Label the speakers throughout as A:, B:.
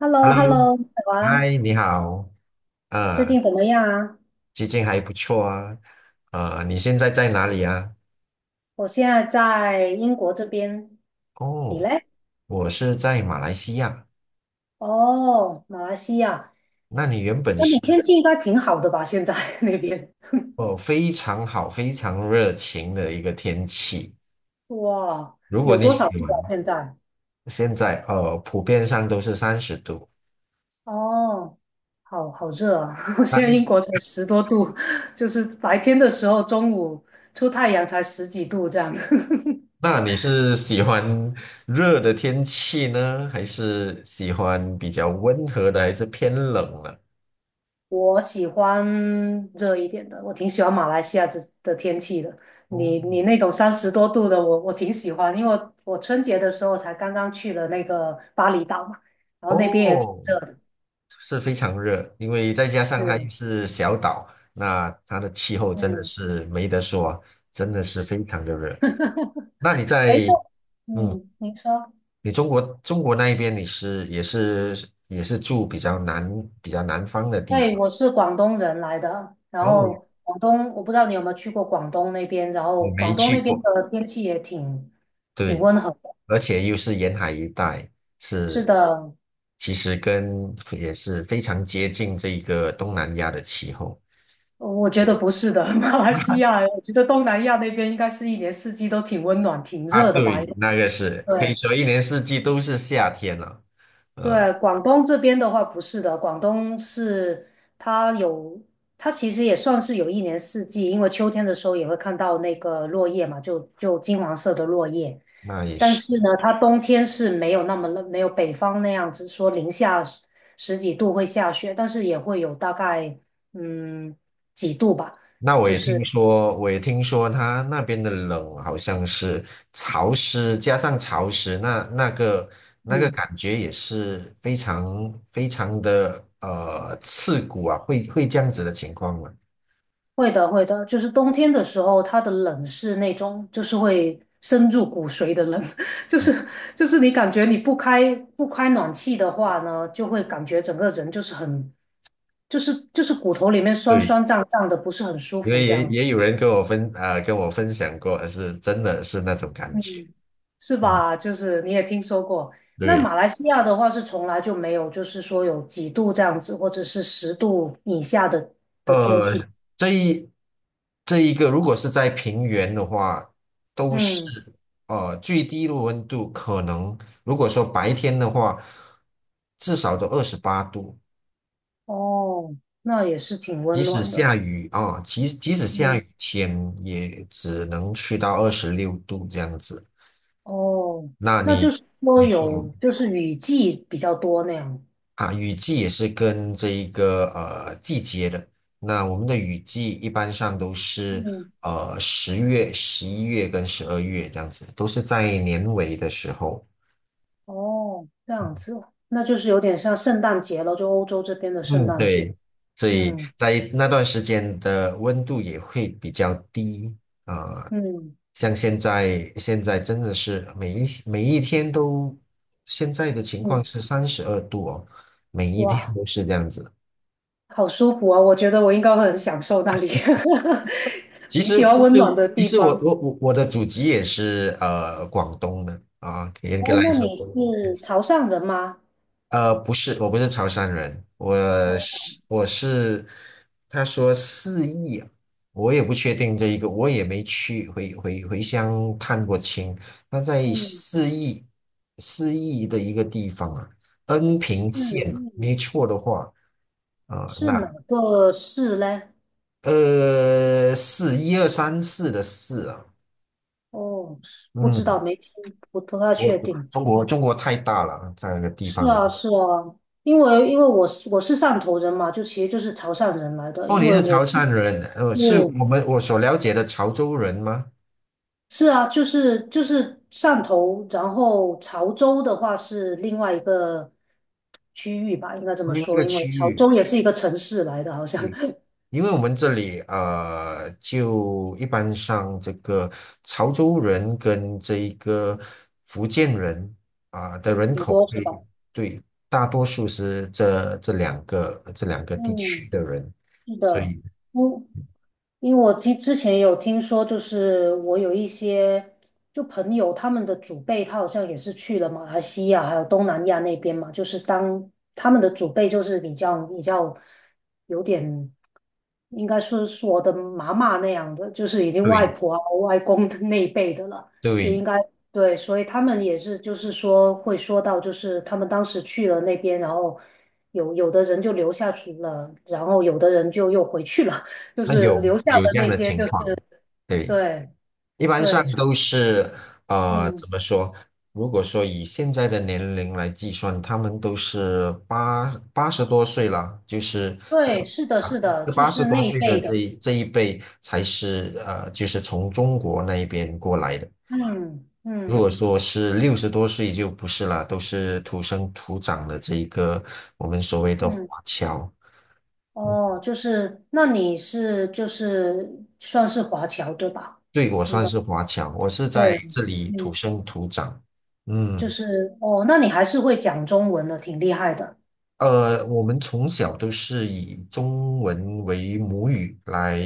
A: h e l l o h e l l
B: Hello，
A: o 好啊，
B: 嗨，你好，
A: 最
B: 啊，
A: 近怎么样啊？
B: 最近还不错啊，啊，你现在在哪里啊？
A: 我现在在英国这边，你
B: 哦，
A: 嘞？
B: 我是在马来西亚。
A: 哦，马来西亚，
B: 那你原本
A: 那你
B: 是
A: 天气应该挺好的吧？现在 那边，
B: 哦，非常好，非常热情的一个天气。
A: 哇，
B: 如果
A: 有
B: 你
A: 多少
B: 喜
A: 度
B: 欢，
A: 啊？现在？
B: 现在哦，普遍上都是30度。
A: 哦，好好热啊！我现在英
B: 那
A: 国才十多度，就是白天的时候，中午出太阳才十几度这样。
B: 那你是喜欢热的天气呢，还是喜欢比较温和的，还是偏冷呢？
A: 我喜欢热一点的，我挺喜欢马来西亚这的天气的。
B: 哦
A: 你那种三十多度的，我挺喜欢，因为我春节的时候才刚刚去了那个巴厘岛嘛，然后那边也挺
B: 哦，
A: 热的。
B: 是非常热，因为再加上它又
A: 是，
B: 是小岛，那它的气候真的
A: 嗯，
B: 是没得说，真的是非常的热。那你
A: 哎，
B: 在，嗯，
A: 你说，
B: 你中国那一边你是也是住比较南方的地
A: 对，
B: 方，
A: 我是广东人来的，然
B: 然后我
A: 后广东，我不知道你有没有去过广东那边，然
B: 我
A: 后
B: 没
A: 广东
B: 去
A: 那边
B: 过，
A: 的天气也挺
B: 对，
A: 温和的。
B: 而且又是沿海一带，
A: 是
B: 是
A: 的，
B: 其实跟也是非常接近这个东南亚的气候
A: 哦我觉得不是的，马来西亚，我觉得东南亚那边应该是一年四季都挺温暖、挺
B: 啊，
A: 热的吧？
B: 对，那个是可以
A: 对
B: 说一年四季都是夏天了。呃，
A: 对，广东这边的话不是的，广东是它有，它其实也算是有一年四季，因为秋天的时候也会看到那个落叶嘛，就金黄色的落叶。
B: 那也
A: 但
B: 是。
A: 是呢，它冬天是没有那么冷，没有北方那样子说零下十几度会下雪，但是也会有大概嗯几度吧，
B: 那我
A: 就
B: 也听
A: 是。
B: 说，我也听说他那边的冷好像是潮湿，加上潮湿，那那个
A: 嗯，
B: 感觉也是非常非常的刺骨啊，会这样子的情况吗？
A: 会的，会的，就是冬天的时候，它的冷是那种，就是会深入骨髓的冷，就是就是你感觉你不开暖气的话呢，就会感觉整个人就是很就是骨头里面酸
B: 对，
A: 酸胀胀的，不是很舒
B: 因
A: 服
B: 为
A: 这
B: 也
A: 样子，
B: 也有人跟我跟我分享过，是真的是那种感觉。
A: 嗯，是
B: 嗯，
A: 吧？就是你也听说过，那
B: 对。
A: 马来西亚的话是从来就没有，就是说有几度这样子，或者是十度以下的，
B: 呃，这一这一个，如果是在平原的话，都是
A: 嗯，
B: 最低的温度可能，如果说白天的话，至少都28度，
A: 哦，那也是挺
B: 即
A: 温
B: 使
A: 暖的，
B: 下雨啊，即使下
A: 嗯。
B: 雨天也只能去到26度这样子。
A: 哦，
B: 那
A: 那就
B: 你
A: 是说
B: 你就
A: 有，就是雨季比较多那样。
B: 啊，雨季也是跟这一个季节的。那我们的雨季一般上都是
A: 嗯，
B: 10月、11月跟12月这样子，都是在年尾的时候。
A: 哦，这样子，那就是有点像圣诞节了，就欧洲这边的圣
B: 嗯，
A: 诞节。
B: 对，所以
A: 嗯
B: 在那段时间的温度也会比较低啊，
A: 嗯
B: 像现在真的是每一天都，现在的情况
A: 嗯，
B: 是32度哦，每一天
A: 哇，
B: 都是这样子。
A: 好舒服啊！我觉得我应该会很享受那里，
B: 其
A: 挺
B: 实
A: 喜欢
B: 其实
A: 温暖的
B: 其
A: 地
B: 实我
A: 方。
B: 我我我的祖籍也是广东的啊，严格
A: 哦，
B: 来
A: 那
B: 说，
A: 你
B: 我
A: 是潮汕人吗？
B: 呃不是我不是潮汕人，我
A: 哦，
B: 是我是他说四邑啊我也不确定这一个，我也没去回乡探过亲，他在
A: 嗯，
B: 四邑的一个地方啊，恩
A: 是
B: 平县啊，
A: 嗯，
B: 没错的话啊，
A: 是
B: 那
A: 哪个市嘞？
B: 四一二三四的四啊。
A: 哦，不知
B: 嗯，
A: 道，没听，不太
B: 我
A: 确定。
B: 中国太大了，在那个地
A: 是
B: 方。
A: 啊，是啊，因为我是汕头人嘛，就其实就是潮汕人来的，
B: 哦，
A: 因
B: 你
A: 为
B: 是
A: 我
B: 潮汕人，是
A: 是
B: 我所了解的潮州人吗？
A: 是啊，就是汕头，然后潮州的话是另外一个区域吧，应该这么
B: 另外一
A: 说，
B: 个
A: 因为
B: 区
A: 潮
B: 域，
A: 州也是一个城市来的，好像
B: 嗯，因为我们这里就一般上这个潮州人跟这一个福建人啊、的人
A: 挺
B: 口
A: 多
B: 会
A: 是吧？
B: 对，大多数是这两个地区
A: 嗯，
B: 的人，
A: 是
B: 所
A: 的，
B: 以
A: 嗯，因为我之前有听说，就是我有一些就朋友，他们的祖辈他好像也是去了马来西亚还有东南亚那边嘛，就是当他们的祖辈就是比较有点，应该说是我的妈妈那样的，就是已经外
B: 对
A: 婆啊外公的那一辈的了，就应
B: 对，
A: 该对，所以他们也是就是说会说到，就是他们当时去了那边，然后有的人就留下去了，然后有的人就又回去了。就
B: 那
A: 是
B: 有
A: 留下
B: 有
A: 的
B: 这样
A: 那
B: 的
A: 些，
B: 情
A: 就是
B: 况，对。
A: 对
B: 一般上
A: 对，
B: 都是怎
A: 嗯，
B: 么说？如果说以现在的年龄来计算，他们都是八十多岁了，就是这
A: 对，是的，
B: 啊，
A: 是的，
B: 这
A: 就
B: 八十
A: 是
B: 多
A: 那一
B: 岁的
A: 辈
B: 这
A: 的，
B: 一这一辈才是就是从中国那一边过来的。
A: 嗯
B: 如
A: 嗯
B: 果说是60多岁就不是了，都是土生土长的这一个我们所谓的华
A: 嗯，
B: 侨。
A: 哦，就是那你是就是算是华侨对吧？
B: 对，我
A: 应
B: 算
A: 该
B: 是华侨，我是在
A: 对，
B: 这里土
A: 嗯，
B: 生土长。
A: 就
B: 嗯。
A: 是哦，那你还是会讲中文的，挺厉害的。
B: 我们从小都是以中文为母语来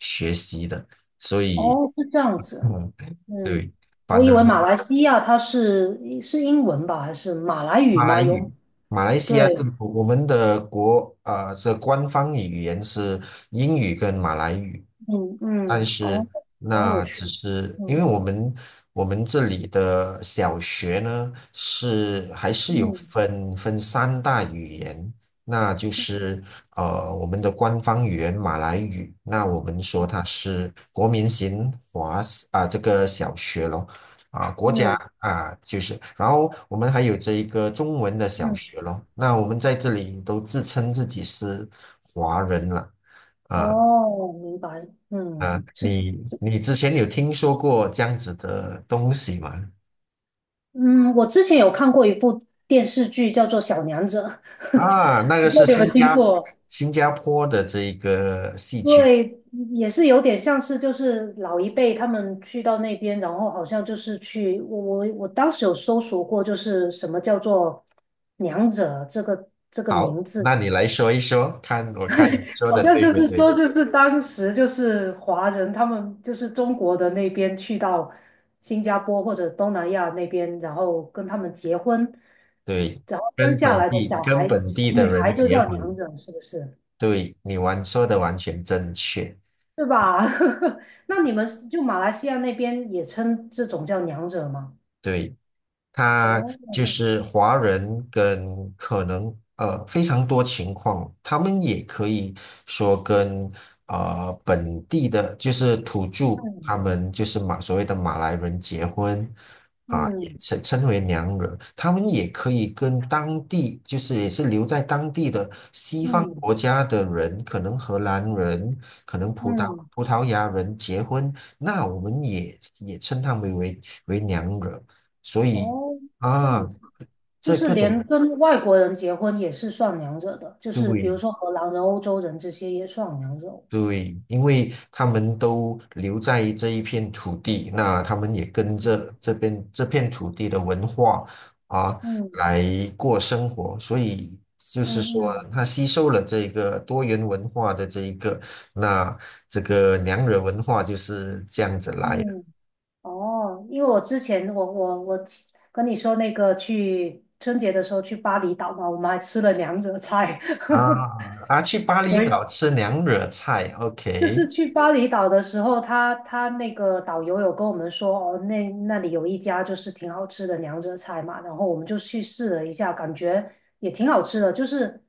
B: 学习的，所以，
A: 哦，是这样子，
B: 嗯，
A: 嗯，
B: 对，
A: 我
B: 反
A: 以
B: 正。
A: 为马来西亚它是英文吧，还是马来语
B: 马来
A: 吗？有，
B: 语，马来西亚
A: 对，
B: 是我们的这官方语言是英语跟马来语，
A: 嗯
B: 但
A: 嗯，哦，
B: 是
A: 好有
B: 那只
A: 趣，
B: 是因为
A: 嗯。
B: 我们这里的小学呢还是有
A: 嗯
B: 分三大语言，那就是我们的官方语言马来语，那我们说
A: 嗯
B: 它是国民型华啊、这个小学咯。啊，国家
A: 嗯，
B: 啊，就是，然后我们还有这一个中文的小
A: 嗯，
B: 学咯。那我们在这里都自称自己是华人了啊
A: 哦，明白，嗯，
B: 啊！
A: 是，
B: 你之前有听说过这样子的东西吗？
A: 嗯，我之前有看过一部电视剧，叫做《小娘惹》，
B: 啊，那
A: 不
B: 个
A: 知道
B: 是
A: 你有没
B: 新
A: 有听
B: 加
A: 过？
B: 新加坡的这一个戏剧。
A: 对，也是有点像是就是老一辈他们去到那边，然后好像就是去，我当时有搜索过，就是什么叫做"娘惹"这个名
B: 好，
A: 字，
B: 那你来说一说，看我看你说
A: 好
B: 的
A: 像
B: 对
A: 就
B: 不
A: 是
B: 对？
A: 说，就是当时就是华人，他们就是中国的那边去到新加坡或者东南亚那边，然后跟他们结婚，
B: 对，
A: 然后生
B: 跟
A: 下
B: 本
A: 来的
B: 地
A: 小
B: 跟
A: 孩
B: 本
A: 小
B: 地的
A: 女
B: 人
A: 孩就
B: 结
A: 叫娘
B: 婚，
A: 惹，是不是？
B: 对，你说的完全正确。
A: 对吧？那你们是就马来西亚那边也称这种叫娘惹吗？
B: 对。他就
A: 哦，
B: 是华人跟可能非常多情况，他们也可以说跟本地的，就是土著，他
A: 嗯
B: 们就是所谓的马来人结婚，啊，也
A: 嗯
B: 称为娘惹，他们也可以跟当地，就是也是留在当地的西方
A: 嗯
B: 国家的人，可能荷兰人，可能葡萄
A: 嗯，
B: 葡萄牙人结婚，那我们也称他们为娘惹，所以
A: 哦，这样
B: 啊，
A: 子。就
B: 这
A: 是
B: 各
A: 连
B: 种
A: 跟外国人结婚也是算娘惹的，就是比
B: 对
A: 如说荷兰人、欧洲人这些也算娘惹。
B: 对，因为他们都留在这一片土地，那他们也跟
A: 嗯
B: 着这边这片土地的文化啊
A: 嗯
B: 来过生活，所以就是
A: 嗯
B: 说，
A: 嗯
B: 他吸收了这个多元文化的这一个，那这个娘惹文化就是这样子来的
A: 嗯，哦，因为我之前我跟你说那个去春节的时候去巴厘岛嘛，我们还吃了娘惹菜，
B: 啊啊，去巴
A: 所
B: 厘岛吃娘惹菜
A: 就
B: ，OK
A: 是去巴厘岛的时候，他那个导游有跟我们说，哦，那里有一家就是挺好吃的娘惹菜嘛，然后我们就去试了一下，感觉也挺好吃的。就是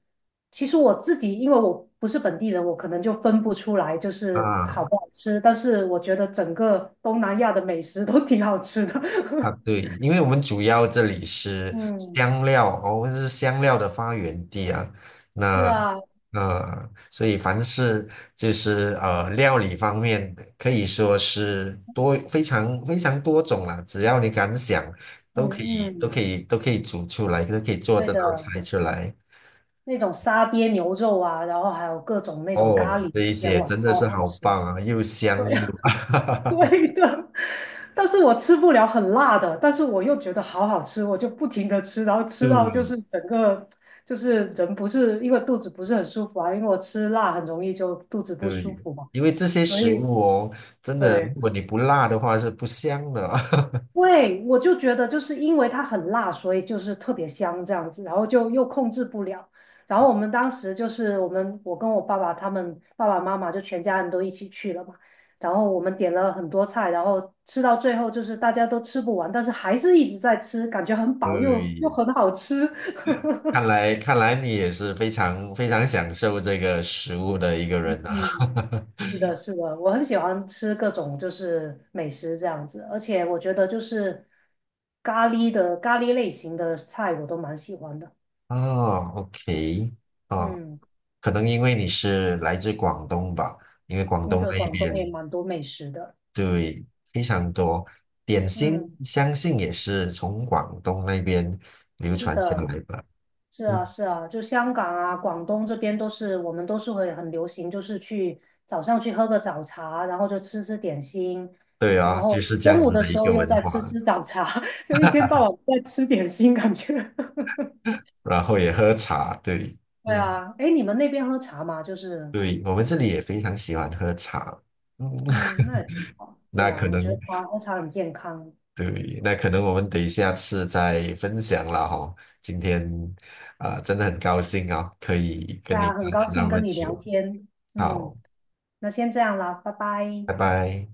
A: 其实我自己，因为我不是本地人，我可能就分不出来就是好
B: 啊。
A: 不好吃，但是我觉得整个东南亚的美食都挺好吃的。
B: 啊，对，因为我们主要这里是
A: 嗯，
B: 香料，哦我们是香料的发源地啊。
A: 是
B: 那
A: 啊，
B: 所以凡是就是料理方面，可以说是多非常非常多种啦。只要你敢想，
A: 嗯
B: 都可以都
A: 嗯，
B: 可以都可以煮出来，都可以做
A: 对
B: 这道
A: 的，
B: 菜出来。
A: 那种沙爹牛肉啊，然后还有各种那种咖
B: 哦，
A: 喱，
B: 这一
A: 也
B: 些
A: 哇，
B: 真的
A: 超
B: 是
A: 好
B: 好
A: 吃。
B: 棒啊，又香
A: 对。
B: 又
A: 啊。对的，但是我吃不了很辣的，但是我又觉得好好吃，我就不停的吃，然后 吃
B: 对
A: 到就是整个就是人不是因为肚子不是很舒服啊，因为我吃辣很容易就肚子不舒
B: 对，
A: 服嘛，
B: 因为这些
A: 所
B: 食
A: 以
B: 物哦，真的，如
A: 对，
B: 果你不辣的话是不香的哦。
A: 对，我就觉得就是因为它很辣，所以就是特别香这样子，然后就又控制不了。然后我们当时就是我们，我跟我爸爸他们爸爸妈妈就全家人都一起去了嘛。然后我们点了很多菜，然后吃到最后就是大家都吃不完，但是还是一直在吃，感觉很饱又
B: 对，
A: 很好吃。
B: 看来你也是非常非常享受这个食物的一个
A: 嗯，
B: 人啊。
A: 是的，是的，我很喜欢吃各种就是美食这样子，而且我觉得就是咖喱类型的菜我都蛮喜欢的。
B: 哦，OK，哦，
A: 嗯，
B: 可能因为你是来自广东吧，因为广
A: 嗯，
B: 东
A: 对，
B: 那
A: 广东也
B: 边
A: 蛮多美食的。
B: 对非常多点心，
A: 嗯，
B: 相信也是从广东那边流
A: 是
B: 传下
A: 的，
B: 来吧。
A: 是
B: 嗯，
A: 啊，是啊，就香港啊、广东这边都是，我们都是会很流行，就是去早上去喝个早茶，然后就吃吃点心，
B: 对
A: 然
B: 啊，就
A: 后
B: 是这样
A: 中午
B: 子
A: 的
B: 的一
A: 时候
B: 个
A: 又
B: 文
A: 再
B: 化。
A: 吃吃早茶，就一天到晚在吃点心，感觉。
B: 然后也喝茶，对
A: 对
B: 嗯，
A: 啊，哎，你们那边喝茶吗？就是，
B: 对，我们这里也非常喜欢喝茶。嗯，
A: 嗯，那也挺 好。对
B: 那可
A: 啊，我觉得
B: 能
A: 茶喝茶很健康。
B: 对，那可能我们得下次再分享了哈。今天啊、真的很高兴啊、可以
A: 对
B: 跟你
A: 啊，
B: 谈
A: 很高
B: 了那
A: 兴
B: 么
A: 跟你聊
B: 久。
A: 天。嗯，
B: 好，
A: 那先这样啦，拜拜。
B: 拜拜。